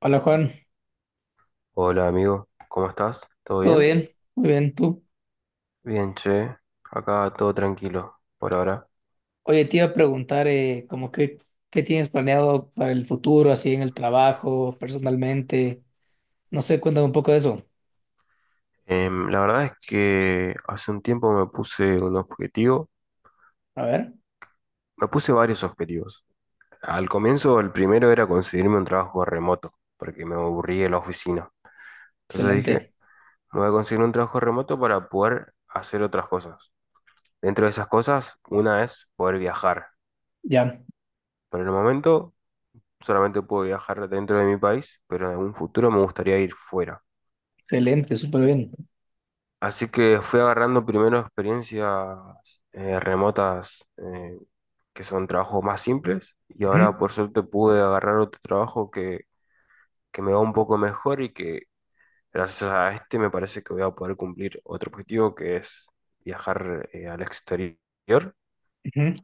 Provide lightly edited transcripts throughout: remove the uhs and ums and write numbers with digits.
Hola Juan, Hola amigo, ¿cómo estás? ¿Todo ¿todo bien? bien? Muy bien, tú. Bien, che, acá todo tranquilo por ahora. Oye, te iba a preguntar, como que, ¿qué tienes planeado para el futuro, así en el trabajo, personalmente? No sé, cuéntame un poco de eso. La verdad es que hace un tiempo me puse un objetivo, A ver, me puse varios objetivos. Al comienzo el primero era conseguirme un trabajo remoto, porque me aburrí de la oficina. Entonces dije, excelente. me voy a conseguir un trabajo remoto para poder hacer otras cosas. Dentro de esas cosas, una es poder viajar. Ya, Por el momento solamente puedo viajar dentro de mi país, pero en algún futuro me gustaría ir fuera. excelente, súper bien. Así que fui agarrando primero experiencias remotas, que son trabajos más simples, y ahora Ujú, por suerte pude agarrar otro trabajo que me va un poco mejor y que gracias a este me parece que voy a poder cumplir otro objetivo, que es viajar, al exterior. ujú.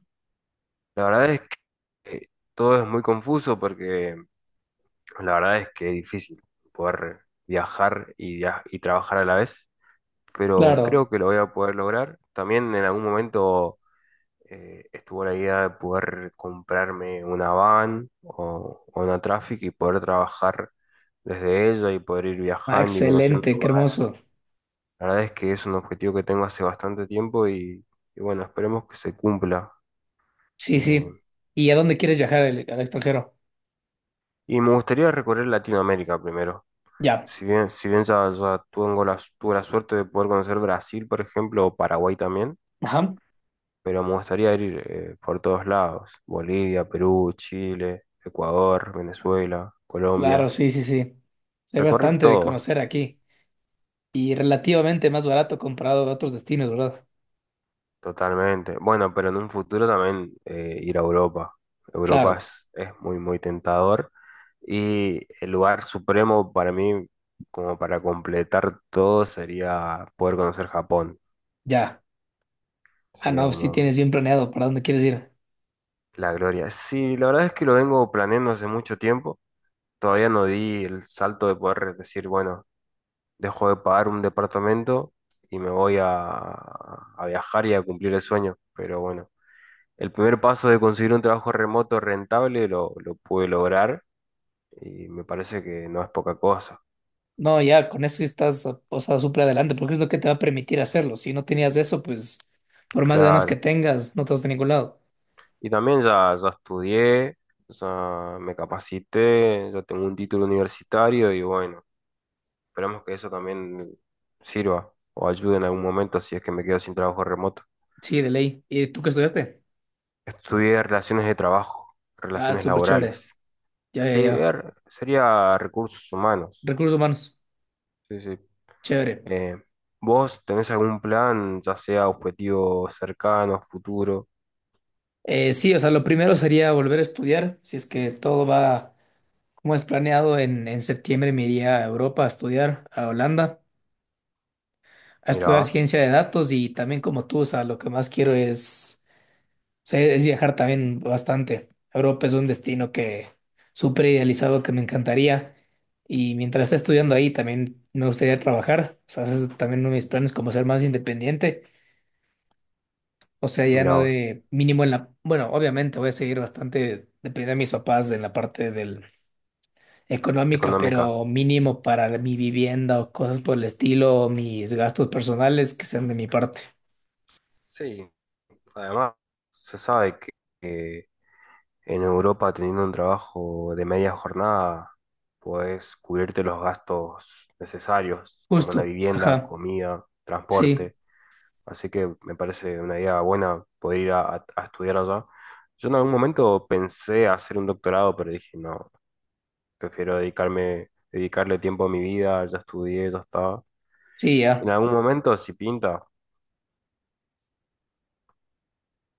La verdad es que todo es muy confuso, porque la verdad es que es difícil poder viajar y, y trabajar a la vez, pero Claro. creo que lo voy a poder lograr. También en algún momento estuvo la idea de poder comprarme una van o una Traffic y poder trabajar desde ella y poder ir Ah, viajando y conociendo excelente, qué lugares. hermoso. La verdad es que es un objetivo que tengo hace bastante tiempo y bueno, esperemos que se cumpla. Sí, Eh, sí. ¿Y a dónde quieres viajar al, al extranjero? y me gustaría recorrer Latinoamérica primero. Ya, Si bien ya, ya tengo tuve la suerte de poder conocer Brasil, por ejemplo, o Paraguay también, ajá. pero me gustaría ir, por todos lados, Bolivia, Perú, Chile, Ecuador, Venezuela, Claro, Colombia, sí, sí, sí. Hay recorrer bastante de todo conocer aquí y relativamente más barato comparado a otros destinos, ¿verdad? totalmente. Bueno, pero en un futuro también, ir a Europa. Europa Claro, es muy, muy tentador, y el lugar supremo para mí, como para completar todo, sería poder conocer Japón. ya. Ah, Sería no, sí tienes como bien planeado para dónde quieres ir. la gloria. Sí, la verdad es que lo vengo planeando hace mucho tiempo. Todavía no di el salto de poder decir, bueno, dejo de pagar un departamento y me voy a viajar y a cumplir el sueño. Pero bueno, el primer paso de conseguir un trabajo remoto rentable lo pude lograr y me parece que no es poca cosa, No, ya, con eso estás, o sea, súper adelante, porque es lo que te va a permitir hacerlo. Si no tenías eso, pues, por más ganas que claro. tengas, no te vas de ningún lado. Y también ya, ya estudié, ya me capacité, ya tengo un título universitario y bueno, esperamos que eso también sirva o ayude en algún momento si es que me quedo sin trabajo remoto. Sí, de ley. ¿Y tú qué estudiaste? Estudié relaciones de trabajo, Ah, relaciones súper laborales. chévere. Ya, ya, Sí, ya. Sería recursos humanos. Recursos humanos. Sí, sí. Chévere. Eh, ¿Vos tenés algún plan, ya sea objetivo cercano, futuro? Sí, o sea, lo primero sería volver a estudiar. Si es que todo va como es planeado, en septiembre me iría a Europa a estudiar, a Holanda, a estudiar Mirá, ciencia de datos y también como tú, o sea, lo que más quiero es sí, es viajar también bastante. Europa es un destino que súper idealizado que me encantaría. Y mientras esté estudiando ahí, también me gustaría trabajar. O sea, ese es también uno de mis planes como ser más independiente. O sea, ya mirá no vos. de mínimo en la... Bueno, obviamente voy a seguir bastante dependiendo de mis papás en la parte del económica, Económica. pero mínimo para mi vivienda o cosas por el estilo, mis gastos personales que sean de mi parte. Sí, además se sabe que en Europa teniendo un trabajo de media jornada podés cubrirte los gastos necesarios, como una Justo, vivienda, ajá. comida, Sí, transporte. Así que me parece una idea buena poder ir a estudiar allá. Yo en algún momento pensé hacer un doctorado, pero dije, no, prefiero dedicarme, dedicarle tiempo a mi vida, ya estudié, ya está. sí, En ya. algún momento, si pinta,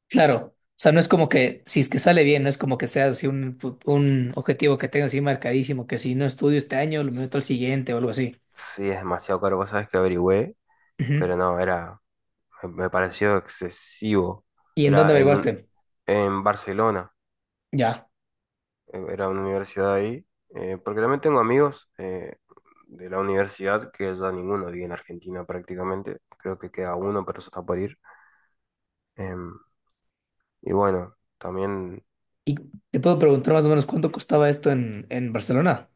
Claro, o sea, no es como que, si es que sale bien, no es como que sea así un, un objetivo que tenga así marcadísimo, que si no estudio este año, lo meto al siguiente o algo así. sí es demasiado caro, vos sabés que averigüé, Ujú. pero no, era, me pareció excesivo. ¿Y en dónde Era averiguaste? en Barcelona. Ya. Era una universidad ahí, porque también tengo amigos, de la universidad, que ya ninguno vive en Argentina prácticamente, creo que queda uno, pero eso está por ir. Em, y bueno, también, ¿Y te puedo preguntar más o menos cuánto costaba esto en Barcelona?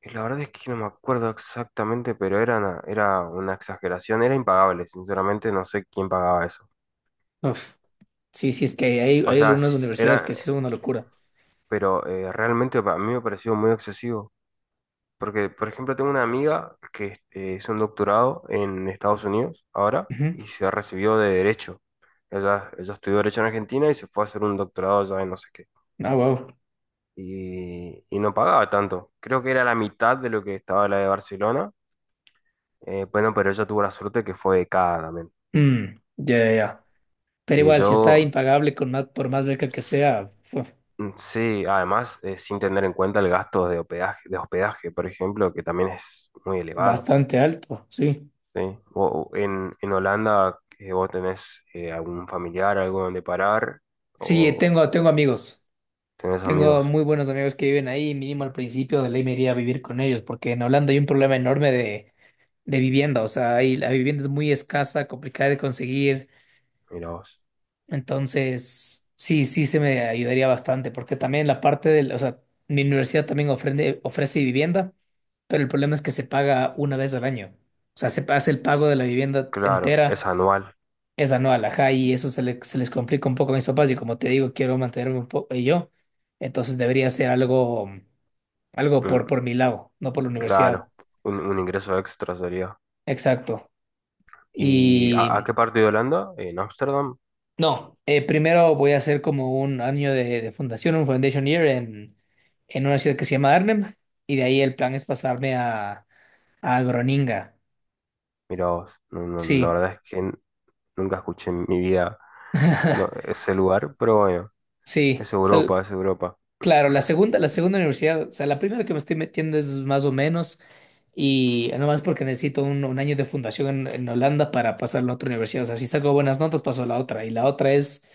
y la verdad es que no me acuerdo exactamente, pero era era una exageración, era impagable, sinceramente no sé quién pagaba eso. Uf. Sí, sí, es que hay, O hay sea, algunas universidades era, que sí son una locura. pero realmente a mí me pareció muy excesivo. Porque, por ejemplo, tengo una amiga que, hizo un doctorado en Estados Unidos ahora Ujú. y se recibió de Derecho. Ella estudió Derecho en Argentina y se fue a hacer un doctorado allá en no sé qué. Ah, wow. Y no pagaba tanto. Creo que era la mitad de lo que estaba la de Barcelona. Bueno, pero ella tuvo la suerte que fue becada también. Mm, ya, ya, ya. Pero Y igual, si está yo, impagable con más, por más beca que sea, uf, mm, sí, además, sin tener en cuenta el gasto de hospedaje, por ejemplo, que también es muy elevado. bastante alto, sí. ¿Sí? O en Holanda, ¿vos tenés algún familiar, algo donde parar? Sí, ¿O tengo, tengo amigos. tenés Tengo amigos? muy buenos amigos que viven ahí, mínimo al principio de ley me iría a vivir con ellos, porque en Holanda hay un problema enorme de vivienda, o sea, ahí la vivienda es muy escasa, complicada de conseguir, Mira vos. entonces sí, sí se me ayudaría bastante, porque también la parte del, o sea, mi universidad también ofrece, ofrece vivienda, pero el problema es que se paga una vez al año, o sea, se hace el pago de la vivienda Claro, entera, es anual. es anual, ajá, y eso se, se les complica un poco a mis papás, y como te digo, quiero mantenerme un poco yo, entonces debería ser algo algo Mm, por mi lado, no por la universidad. claro, un ingreso extra sería. Exacto. ¿Y a Y qué parte de Holanda? ¿En Ámsterdam? no, primero voy a hacer como un año de fundación, un foundation year en una ciudad que se llama Arnhem. Y de ahí el plan es pasarme a Groninga. Mira vos. No, no, la Sí, verdad es que nunca escuché en mi vida, no, ese lugar, pero bueno, sí. es O sea, Europa, es Europa. claro, la segunda universidad, o sea, la primera que me estoy metiendo es más o menos. Y nomás porque necesito un año de fundación en Holanda para pasar a la otra universidad. O sea, si saco buenas notas, paso a la otra. Y la otra es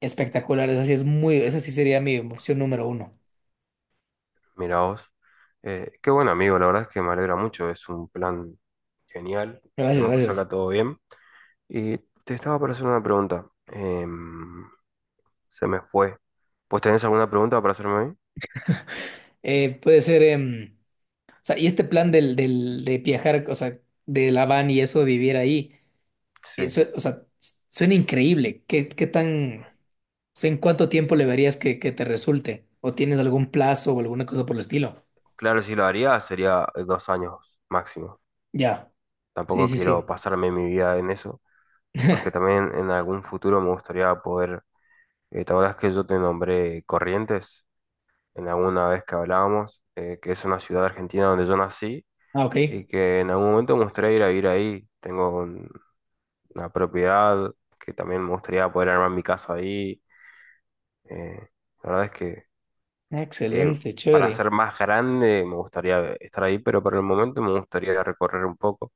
espectacular, esa sí es muy, esa sí sería mi opción número uno. Mira vos. Qué buen amigo, la verdad es que me alegra mucho, es un plan genial, Gracias, esperemos que gracias. salga todo bien. Y te estaba para hacer una pregunta. Se me fue. ¿Pues tenés alguna pregunta para hacerme a mí? Puede ser, o sea, y este plan del, del, de viajar, o sea, de la van y eso, vivir ahí, Sí. eso, o sea, suena increíble. ¿Qué, qué tan, o sea, en cuánto tiempo le verías que te resulte? ¿O tienes algún plazo o alguna cosa por el estilo? Claro, si lo haría, sería 2 años máximo. Ya, sí, Tampoco sí, quiero sí. pasarme mi vida en eso, porque también en algún futuro me gustaría poder... ¿te acuerdas que yo te nombré Corrientes en alguna vez que hablábamos? Que es una ciudad argentina donde yo nací Ah, y ok. que en algún momento me gustaría ir a vivir ahí. Tengo una propiedad que también me gustaría poder armar mi casa ahí. Eh, la verdad es que, eh, Excelente, para chévere. ser más grande me gustaría estar ahí, pero por el momento me gustaría recorrer un poco.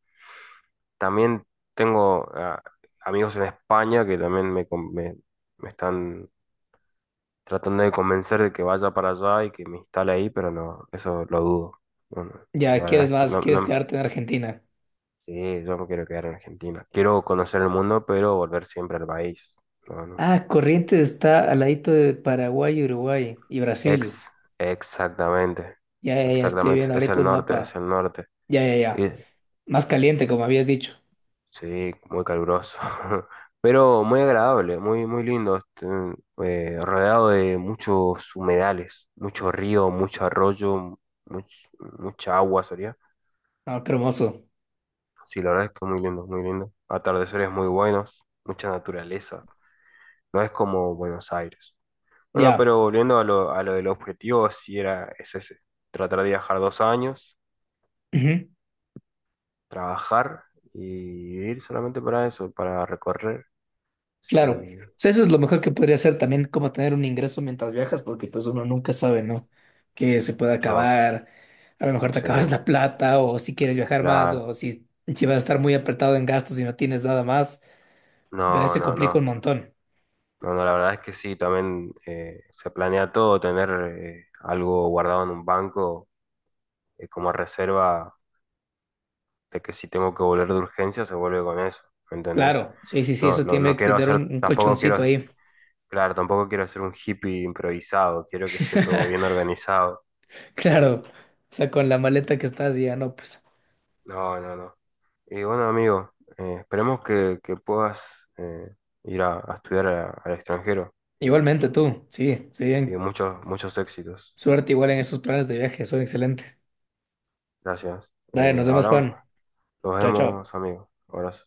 También tengo, ah, amigos en España que también me están tratando de convencer de que vaya para allá y que me instale ahí, pero no, eso lo dudo. No, no, la Ya, verdad ¿quieres es que más? no, ¿Quieres no, quedarte en Argentina? sí, yo me quiero quedar en Argentina. Quiero conocer el mundo, pero volver siempre al país. No, no. Ah, Corrientes está al ladito de Paraguay, Uruguay y Ex, Brasil. Exactamente, Ya, ya, ya, estoy exactamente, viendo es ahorita el un norte, es mapa. el norte. Ya, ya, Y ya. Más caliente, como habías dicho. sí, muy caluroso, pero muy agradable, muy, muy lindo, este, rodeado de muchos humedales, mucho río, mucho arroyo, much- mucha agua sería. Ah, qué hermoso. Sí, la verdad es que muy lindo, muy lindo. Atardeceres muy buenos, mucha naturaleza. No es como Buenos Aires. Bueno, Ya. pero volviendo a a lo del objetivo, sí era, es ese, tratar de viajar 2 años, Ujú. trabajar y ir solamente para eso, para recorrer. Claro. O Sí, sea, eso es lo mejor que podría hacer también, como tener un ingreso mientras viajas, porque pues uno nunca sabe, ¿no? Que se puede no, acabar. A lo mejor te sí. acabas la plata, o si quieres viajar más, Claro, o si, si vas a estar muy apretado en gastos y no tienes nada más. Pero ahí no, se no, complica no. un montón. No, no, la verdad es que sí, también, se planea todo, tener algo guardado en un banco, como reserva, de que si tengo que volver de urgencia se vuelve con eso, ¿me entendés? Claro. Sí, sí, sí, No, eso no, tiene no que quiero tener hacer, un tampoco colchoncito quiero, ahí. claro, tampoco quiero hacer un hippie improvisado, quiero que esté todo bien organizado, sí, Claro. O sea, con la maleta que estás ya no, pues. no, no, no. Y bueno, amigo, esperemos que puedas, eh, ir a estudiar al extranjero Igualmente tú, sí, sí, y muchos, muchos éxitos. suerte igual en esos planes de viaje, son excelente. Gracias. Dale, nos vemos, Ahora Juan. nos Chao, chao. vemos, amigos. Abrazo.